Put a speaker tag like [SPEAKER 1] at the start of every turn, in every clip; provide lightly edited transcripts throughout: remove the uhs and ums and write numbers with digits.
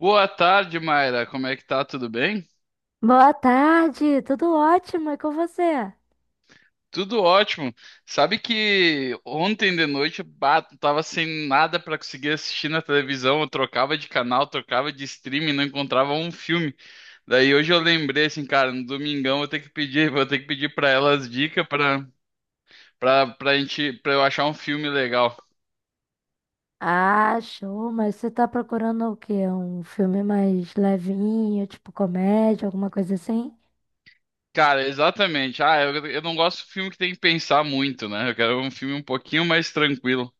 [SPEAKER 1] Boa tarde, Mayra. Como é que tá? Tudo bem?
[SPEAKER 2] Boa tarde, tudo ótimo, e com você?
[SPEAKER 1] Tudo ótimo. Sabe que ontem de noite, bah, tava sem nada pra conseguir assistir na televisão. Eu trocava de canal, trocava de streaming, não encontrava um filme. Daí hoje eu lembrei assim, cara, no domingão eu tenho que pedir, vou ter que pedir pra elas dicas pra gente, para eu achar um filme legal.
[SPEAKER 2] Ah, show, mas você tá procurando o quê? Um filme mais levinho, tipo comédia, alguma coisa assim?
[SPEAKER 1] Cara, exatamente. Ah, eu não gosto de filme que tem que pensar muito, né? Eu quero um filme um pouquinho mais tranquilo.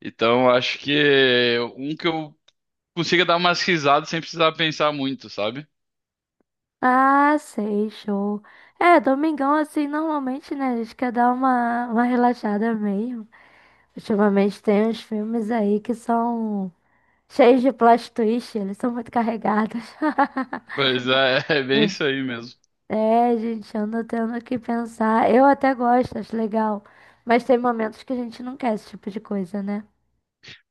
[SPEAKER 1] Então, acho que um que eu consiga dar umas risadas sem precisar pensar muito, sabe?
[SPEAKER 2] Ah, sei, show. É, domingão assim, normalmente, né, a gente quer dar uma relaxada mesmo. Ultimamente tem uns filmes aí que são cheios de plot twist, eles são muito carregados.
[SPEAKER 1] Pois é, é bem isso aí mesmo.
[SPEAKER 2] É, gente, ando tendo que pensar. Eu até gosto, acho legal. Mas tem momentos que a gente não quer esse tipo de coisa, né?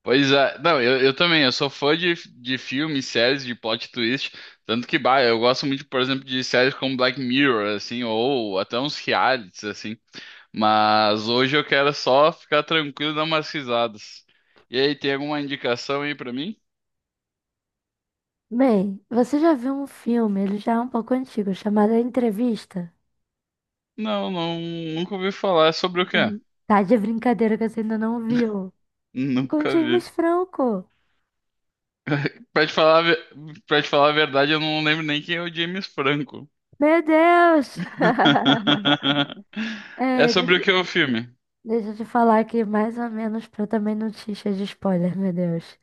[SPEAKER 1] Pois é, não, eu também, eu sou fã de filmes, séries, de plot twist, tanto que, bah, eu gosto muito, por exemplo, de séries como Black Mirror, assim, ou até uns realities, assim, mas hoje eu quero só ficar tranquilo e dar umas risadas. E aí, tem alguma indicação aí pra mim?
[SPEAKER 2] Bem, você já viu um filme, ele já é um pouco antigo, chamado A Entrevista?
[SPEAKER 1] Não, não, nunca ouvi falar, é sobre o quê?
[SPEAKER 2] Uhum. Tá de brincadeira que você ainda não viu. Com o
[SPEAKER 1] Nunca vi.
[SPEAKER 2] James Franco.
[SPEAKER 1] Pra te falar, a ve- Pra te falar a verdade, eu não lembro nem quem é o James Franco.
[SPEAKER 2] Meu Deus!
[SPEAKER 1] É
[SPEAKER 2] É,
[SPEAKER 1] sobre o que é o filme?
[SPEAKER 2] deixa eu te falar aqui mais ou menos pra eu também não te encher de spoiler, meu Deus.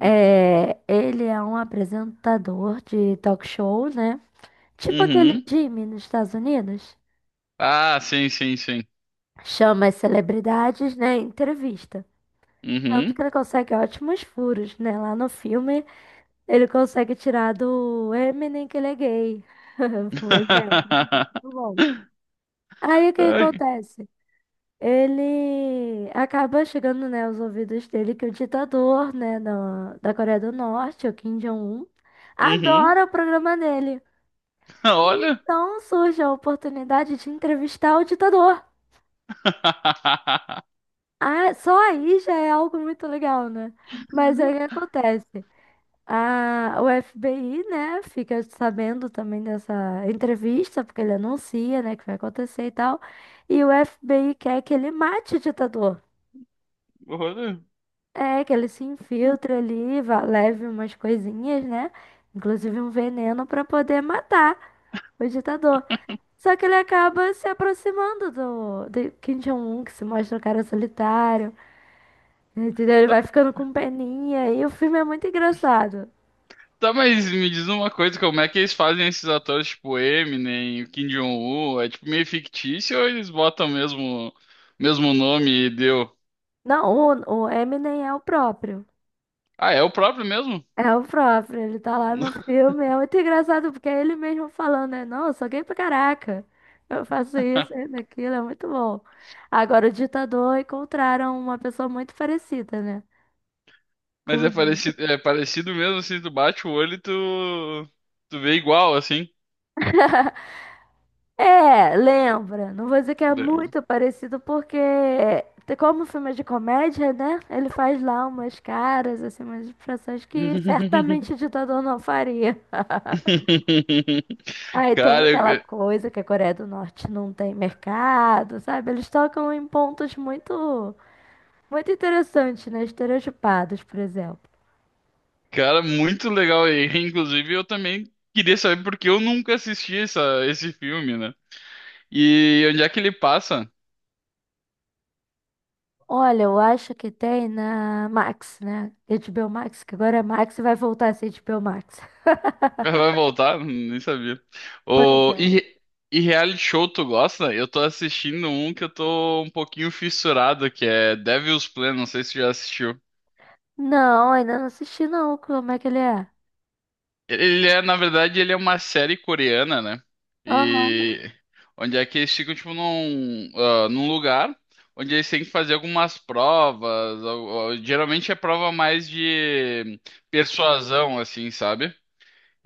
[SPEAKER 2] É, ele é um apresentador de talk show, né? Tipo aquele
[SPEAKER 1] Uhum.
[SPEAKER 2] Jimmy nos Estados Unidos.
[SPEAKER 1] Ah, sim, sim, sim.
[SPEAKER 2] Chama as celebridades, né? em Entrevista. Tanto
[SPEAKER 1] Uhum.
[SPEAKER 2] que ele consegue ótimos furos, né? Lá no filme, ele consegue tirar do Eminem que ele é gay. Um exemplo. Muito bom. Aí o que
[SPEAKER 1] Ai.
[SPEAKER 2] acontece? Ele acaba chegando, né, aos ouvidos dele que o ditador, né, da Coreia do Norte, o Kim Jong-un,
[SPEAKER 1] Uhum.
[SPEAKER 2] adora o programa dele.
[SPEAKER 1] Olha.
[SPEAKER 2] Então surge a oportunidade de entrevistar o ditador. Ah, só aí já é algo muito legal, né? Mas aí o que acontece? O FBI, né, fica sabendo também dessa entrevista, porque ele anuncia, né, que vai acontecer e tal. E o FBI quer que ele mate o ditador.
[SPEAKER 1] Olha.
[SPEAKER 2] É, que ele se infiltre ali, leve umas coisinhas, né? Inclusive um veneno para poder matar o ditador. Só que ele acaba se aproximando do Kim Jong-un, que se mostra um cara solitário. Entendeu? Ele vai ficando com peninha e o filme é muito engraçado.
[SPEAKER 1] Tá, mas me diz uma coisa, como é que eles fazem esses atores tipo Eminem, o Kim Jong-un? É tipo meio fictício ou eles botam mesmo nome e deu?
[SPEAKER 2] Não, o Eminem é o próprio.
[SPEAKER 1] Ah, é o próprio mesmo?
[SPEAKER 2] É o próprio, ele tá lá no filme. É muito engraçado porque é ele mesmo falando, né? Não, eu sou gay pra caraca. Eu faço isso, isso, aquilo, é muito bom. Agora, o ditador encontraram uma pessoa muito parecida, né?
[SPEAKER 1] Mas
[SPEAKER 2] Com
[SPEAKER 1] é parecido mesmo, assim, tu bate o olho e tu, tu vê igual, assim.
[SPEAKER 2] é, lembra. Não vou dizer que é muito parecido, porque, como o filme é de comédia, né? Ele faz lá umas caras, assim, umas expressões que certamente o ditador não faria. Aí tem
[SPEAKER 1] Cara,
[SPEAKER 2] aquela
[SPEAKER 1] eu-
[SPEAKER 2] coisa que a Coreia do Norte não tem mercado, sabe? Eles tocam em pontos muito interessantes, né? Estereotipados, por exemplo.
[SPEAKER 1] cara, muito legal. E, inclusive, eu também queria saber porque eu nunca assisti essa, esse filme, né? E onde é que ele passa?
[SPEAKER 2] Olha, eu acho que tem na Max, né? HBO Max, que agora é Max e vai voltar a ser H B o Max.
[SPEAKER 1] Vai voltar? Nem sabia.
[SPEAKER 2] Pois
[SPEAKER 1] O, e,
[SPEAKER 2] é.
[SPEAKER 1] re- e reality show, tu gosta? Eu tô assistindo um que eu tô um pouquinho fissurado, que é Devil's Plan, não sei se tu já assistiu.
[SPEAKER 2] Não, ainda não assisti não. Como é que ele é?
[SPEAKER 1] Ele é, na verdade, ele é uma série coreana, né?
[SPEAKER 2] Aham.
[SPEAKER 1] E onde é que eles ficam, tipo, num, ah, num lugar onde eles têm que fazer algumas provas. Geralmente é prova mais de persuasão, assim, sabe?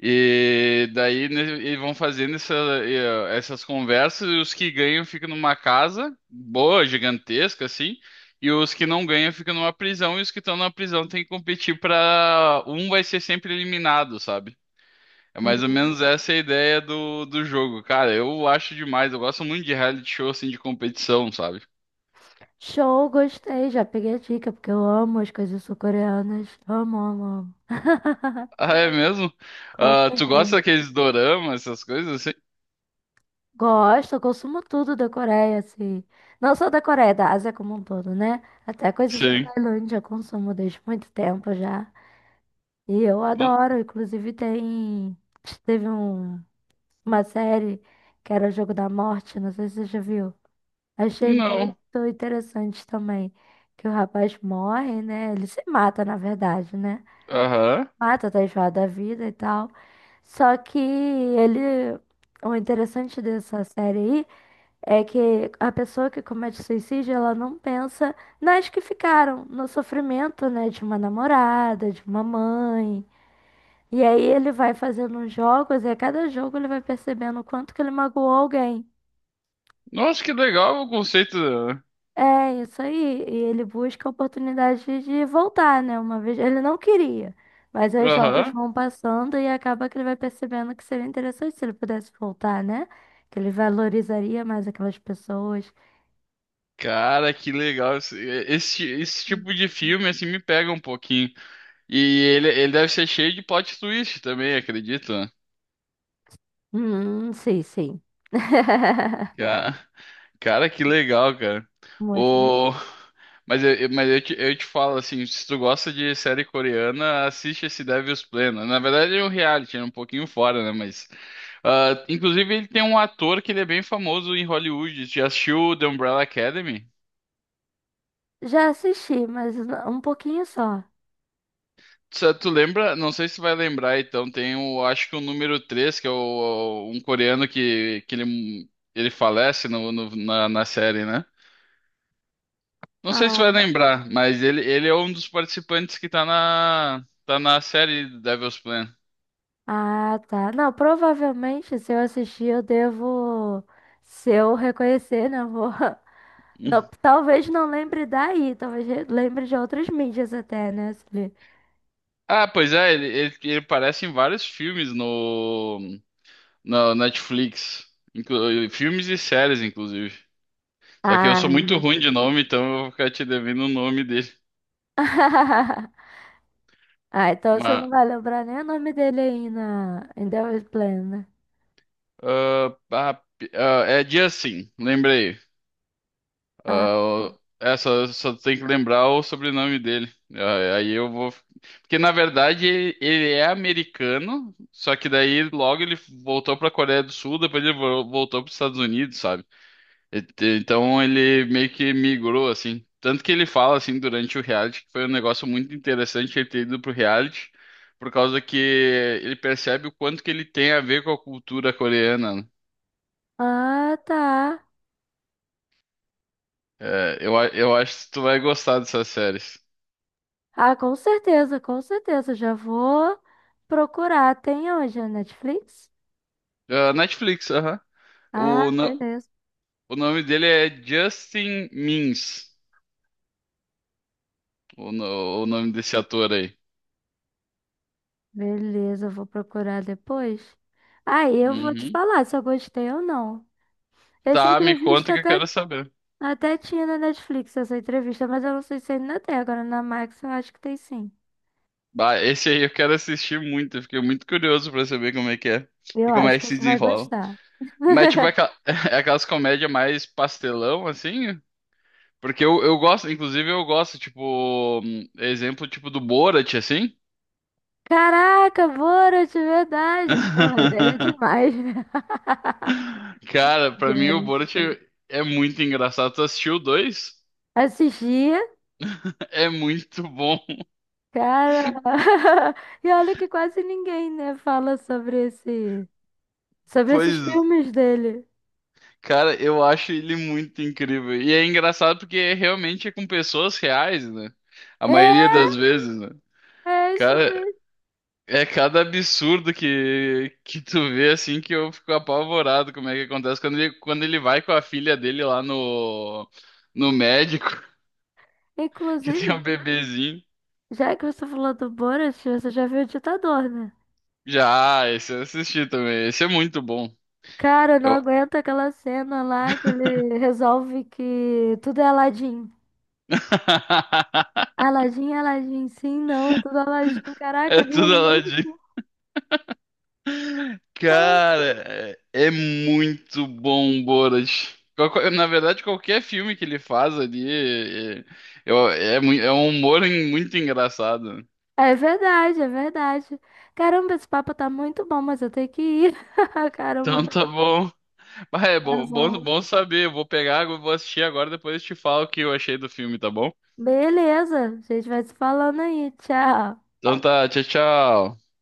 [SPEAKER 1] E daí né, eles vão fazendo essas conversas e os que ganham ficam numa casa boa, gigantesca, assim. E os que não ganham ficam numa prisão, e os que estão na prisão têm que competir pra. Um vai ser sempre eliminado, sabe? É mais ou
[SPEAKER 2] Hum.
[SPEAKER 1] menos essa a ideia do jogo. Cara, eu acho demais. Eu gosto muito de reality show, assim, de competição, sabe?
[SPEAKER 2] Show, gostei. Já peguei a dica, porque eu amo as coisas sul-coreanas. Amo, amo, amo.
[SPEAKER 1] Ah, é mesmo?
[SPEAKER 2] Com
[SPEAKER 1] Ah, tu gosta
[SPEAKER 2] certeza.
[SPEAKER 1] daqueles doramas, essas coisas assim?
[SPEAKER 2] Gosto, eu consumo tudo da Coreia, assim. Não só da Coreia, da Ásia como um todo, né? Até coisas da
[SPEAKER 1] Sim.
[SPEAKER 2] Tailândia eu consumo desde muito tempo já. E eu
[SPEAKER 1] N-
[SPEAKER 2] adoro. Inclusive, tem. Teve um... uma série que era o Jogo da Morte, não sei se você já viu. Achei muito
[SPEAKER 1] Não.
[SPEAKER 2] interessante também que o rapaz morre, né? Ele se mata, na verdade, né?
[SPEAKER 1] Aham.
[SPEAKER 2] Mata, tá enjoado da vida e tal. Só que ele. O interessante dessa série aí é que a pessoa que comete suicídio, ela não pensa nas que ficaram, no sofrimento, né? De uma namorada, de uma mãe. E aí ele vai fazendo uns jogos e a cada jogo ele vai percebendo o quanto que ele magoou alguém.
[SPEAKER 1] Nossa, que legal o conceito.
[SPEAKER 2] É isso aí. E ele busca a oportunidade de voltar, né? Uma vez ele não queria, mas aí os jogos
[SPEAKER 1] Aham.
[SPEAKER 2] vão passando e acaba que ele vai percebendo que seria interessante se ele pudesse voltar, né? Que ele valorizaria mais aquelas pessoas.
[SPEAKER 1] Cara, que legal. Esse tipo de filme, assim, me pega um pouquinho. E ele deve ser cheio de plot twist também, acredito. Né?
[SPEAKER 2] Sim, sim.
[SPEAKER 1] Cara. Cara, que legal, cara.
[SPEAKER 2] Muito legal.
[SPEAKER 1] O... Mas, eu te falo assim, se tu gosta de série coreana, assiste esse Devil's Plano. Na verdade é um reality, é um pouquinho fora, né? Mas, ah, inclusive ele tem um ator que ele é bem famoso em Hollywood. Já assistiu The Umbrella Academy?
[SPEAKER 2] Já assisti, mas um pouquinho só.
[SPEAKER 1] Tu lembra? Não sei se tu vai lembrar, então tem o, acho que o número 3 que é o, um coreano que, ele falece na série, né? Não sei se vai
[SPEAKER 2] Ah,
[SPEAKER 1] lembrar, mas ele é um dos participantes que tá tá na série Devil's Plan.
[SPEAKER 2] ah, tá. Não, provavelmente se eu assistir eu devo, se eu reconhecer, né? Eu vou.
[SPEAKER 1] Hum.
[SPEAKER 2] Não, talvez não lembre daí, talvez lembre de outras mídias até, né? Celi?
[SPEAKER 1] Ah, pois é, ele aparece em vários filmes no Netflix. Filmes e séries, inclusive. Só que eu sou
[SPEAKER 2] Ah.
[SPEAKER 1] muito ruim de nome, então eu vou ficar te devendo o nome dele.
[SPEAKER 2] Ah, então você não
[SPEAKER 1] Mas,
[SPEAKER 2] vai lembrar nem o nome dele aí na em The Way Plan, né?
[SPEAKER 1] ah, ah, é dia sim, lembrei.
[SPEAKER 2] Ah,
[SPEAKER 1] Ah, é, só tem que lembrar o sobrenome dele. Ah, aí eu vou. Porque na verdade ele é americano, só que daí logo ele voltou pra Coreia do Sul, depois ele voltou pros Estados Unidos, sabe? E- Então ele meio que migrou assim. Tanto que ele fala assim durante o reality que foi um negócio muito interessante ele ter ido pro reality, por causa que ele percebe o quanto que ele tem a ver com a cultura coreana. Né?
[SPEAKER 2] ah, tá.
[SPEAKER 1] Eu acho que tu vai gostar dessas séries.
[SPEAKER 2] Ah, com certeza, com certeza. Já vou procurar. Tem onde? Na Netflix?
[SPEAKER 1] Ah, Netflix, aham.
[SPEAKER 2] Ah,
[SPEAKER 1] O, no-
[SPEAKER 2] beleza.
[SPEAKER 1] O nome dele é Justin Mins o, no- o nome desse ator aí.
[SPEAKER 2] Beleza, eu vou procurar depois. Aí eu vou te
[SPEAKER 1] Uhum.
[SPEAKER 2] falar se eu gostei ou não. Essa
[SPEAKER 1] Tá, me conta
[SPEAKER 2] entrevista
[SPEAKER 1] que eu
[SPEAKER 2] até.
[SPEAKER 1] quero saber.
[SPEAKER 2] Até tinha na Netflix essa entrevista, mas eu não sei se ainda tem. Agora na Max eu acho que tem sim.
[SPEAKER 1] Bah, esse aí eu quero assistir muito, eu fiquei muito curioso pra saber como é que é
[SPEAKER 2] Eu
[SPEAKER 1] e como
[SPEAKER 2] acho
[SPEAKER 1] é que
[SPEAKER 2] que
[SPEAKER 1] se
[SPEAKER 2] você vai
[SPEAKER 1] desenrola.
[SPEAKER 2] gostar.
[SPEAKER 1] Mas tipo, é aquelas comédias mais pastelão, assim, porque eu gosto, inclusive eu gosto, tipo, exemplo tipo do Borat, assim.
[SPEAKER 2] Caraca, Borat, verdade. Porra, dele é demais, meu
[SPEAKER 1] Cara, pra mim o
[SPEAKER 2] Deus.
[SPEAKER 1] Borat é muito engraçado. Tu assistiu o dois?
[SPEAKER 2] Assistia,
[SPEAKER 1] É muito bom.
[SPEAKER 2] cara. E olha que quase ninguém, né, fala sobre sobre esses
[SPEAKER 1] Pois,
[SPEAKER 2] filmes dele.
[SPEAKER 1] cara, eu acho ele muito incrível. E é engraçado porque realmente é com pessoas reais, né? A maioria das vezes, né?
[SPEAKER 2] É, é isso
[SPEAKER 1] Cara,
[SPEAKER 2] mesmo.
[SPEAKER 1] é cada absurdo que tu vê assim que eu fico apavorado como é que acontece quando quando ele vai com a filha dele lá no médico, que
[SPEAKER 2] Inclusive,
[SPEAKER 1] tem um bebezinho.
[SPEAKER 2] já que você falou do Borat, você já viu o Ditador, né?
[SPEAKER 1] Já, ah, esse eu assisti também. Esse é muito bom.
[SPEAKER 2] Cara, eu não
[SPEAKER 1] Eu...
[SPEAKER 2] aguento aquela cena lá que ele resolve que tudo é Aladdin. Aladdin, Aladdin, sim, não, é tudo Aladdin. Caraca,
[SPEAKER 1] É
[SPEAKER 2] eu vi
[SPEAKER 1] tudo lá.
[SPEAKER 2] muito.
[SPEAKER 1] Cara, é muito bom, Borat. Na verdade, qualquer filme que ele faz ali é um humor muito engraçado.
[SPEAKER 2] É verdade, é verdade. Caramba, esse papo tá muito bom, mas eu tenho que ir. Caramba,
[SPEAKER 1] Então tá bom. Mas é
[SPEAKER 2] tá
[SPEAKER 1] bom, bom,
[SPEAKER 2] bom.
[SPEAKER 1] bom saber. Eu vou pegar, eu vou assistir agora, depois eu te falo o que eu achei do filme, tá bom?
[SPEAKER 2] Beleza, a gente vai se falando aí. Tchau.
[SPEAKER 1] Então tá, tchau, tchau.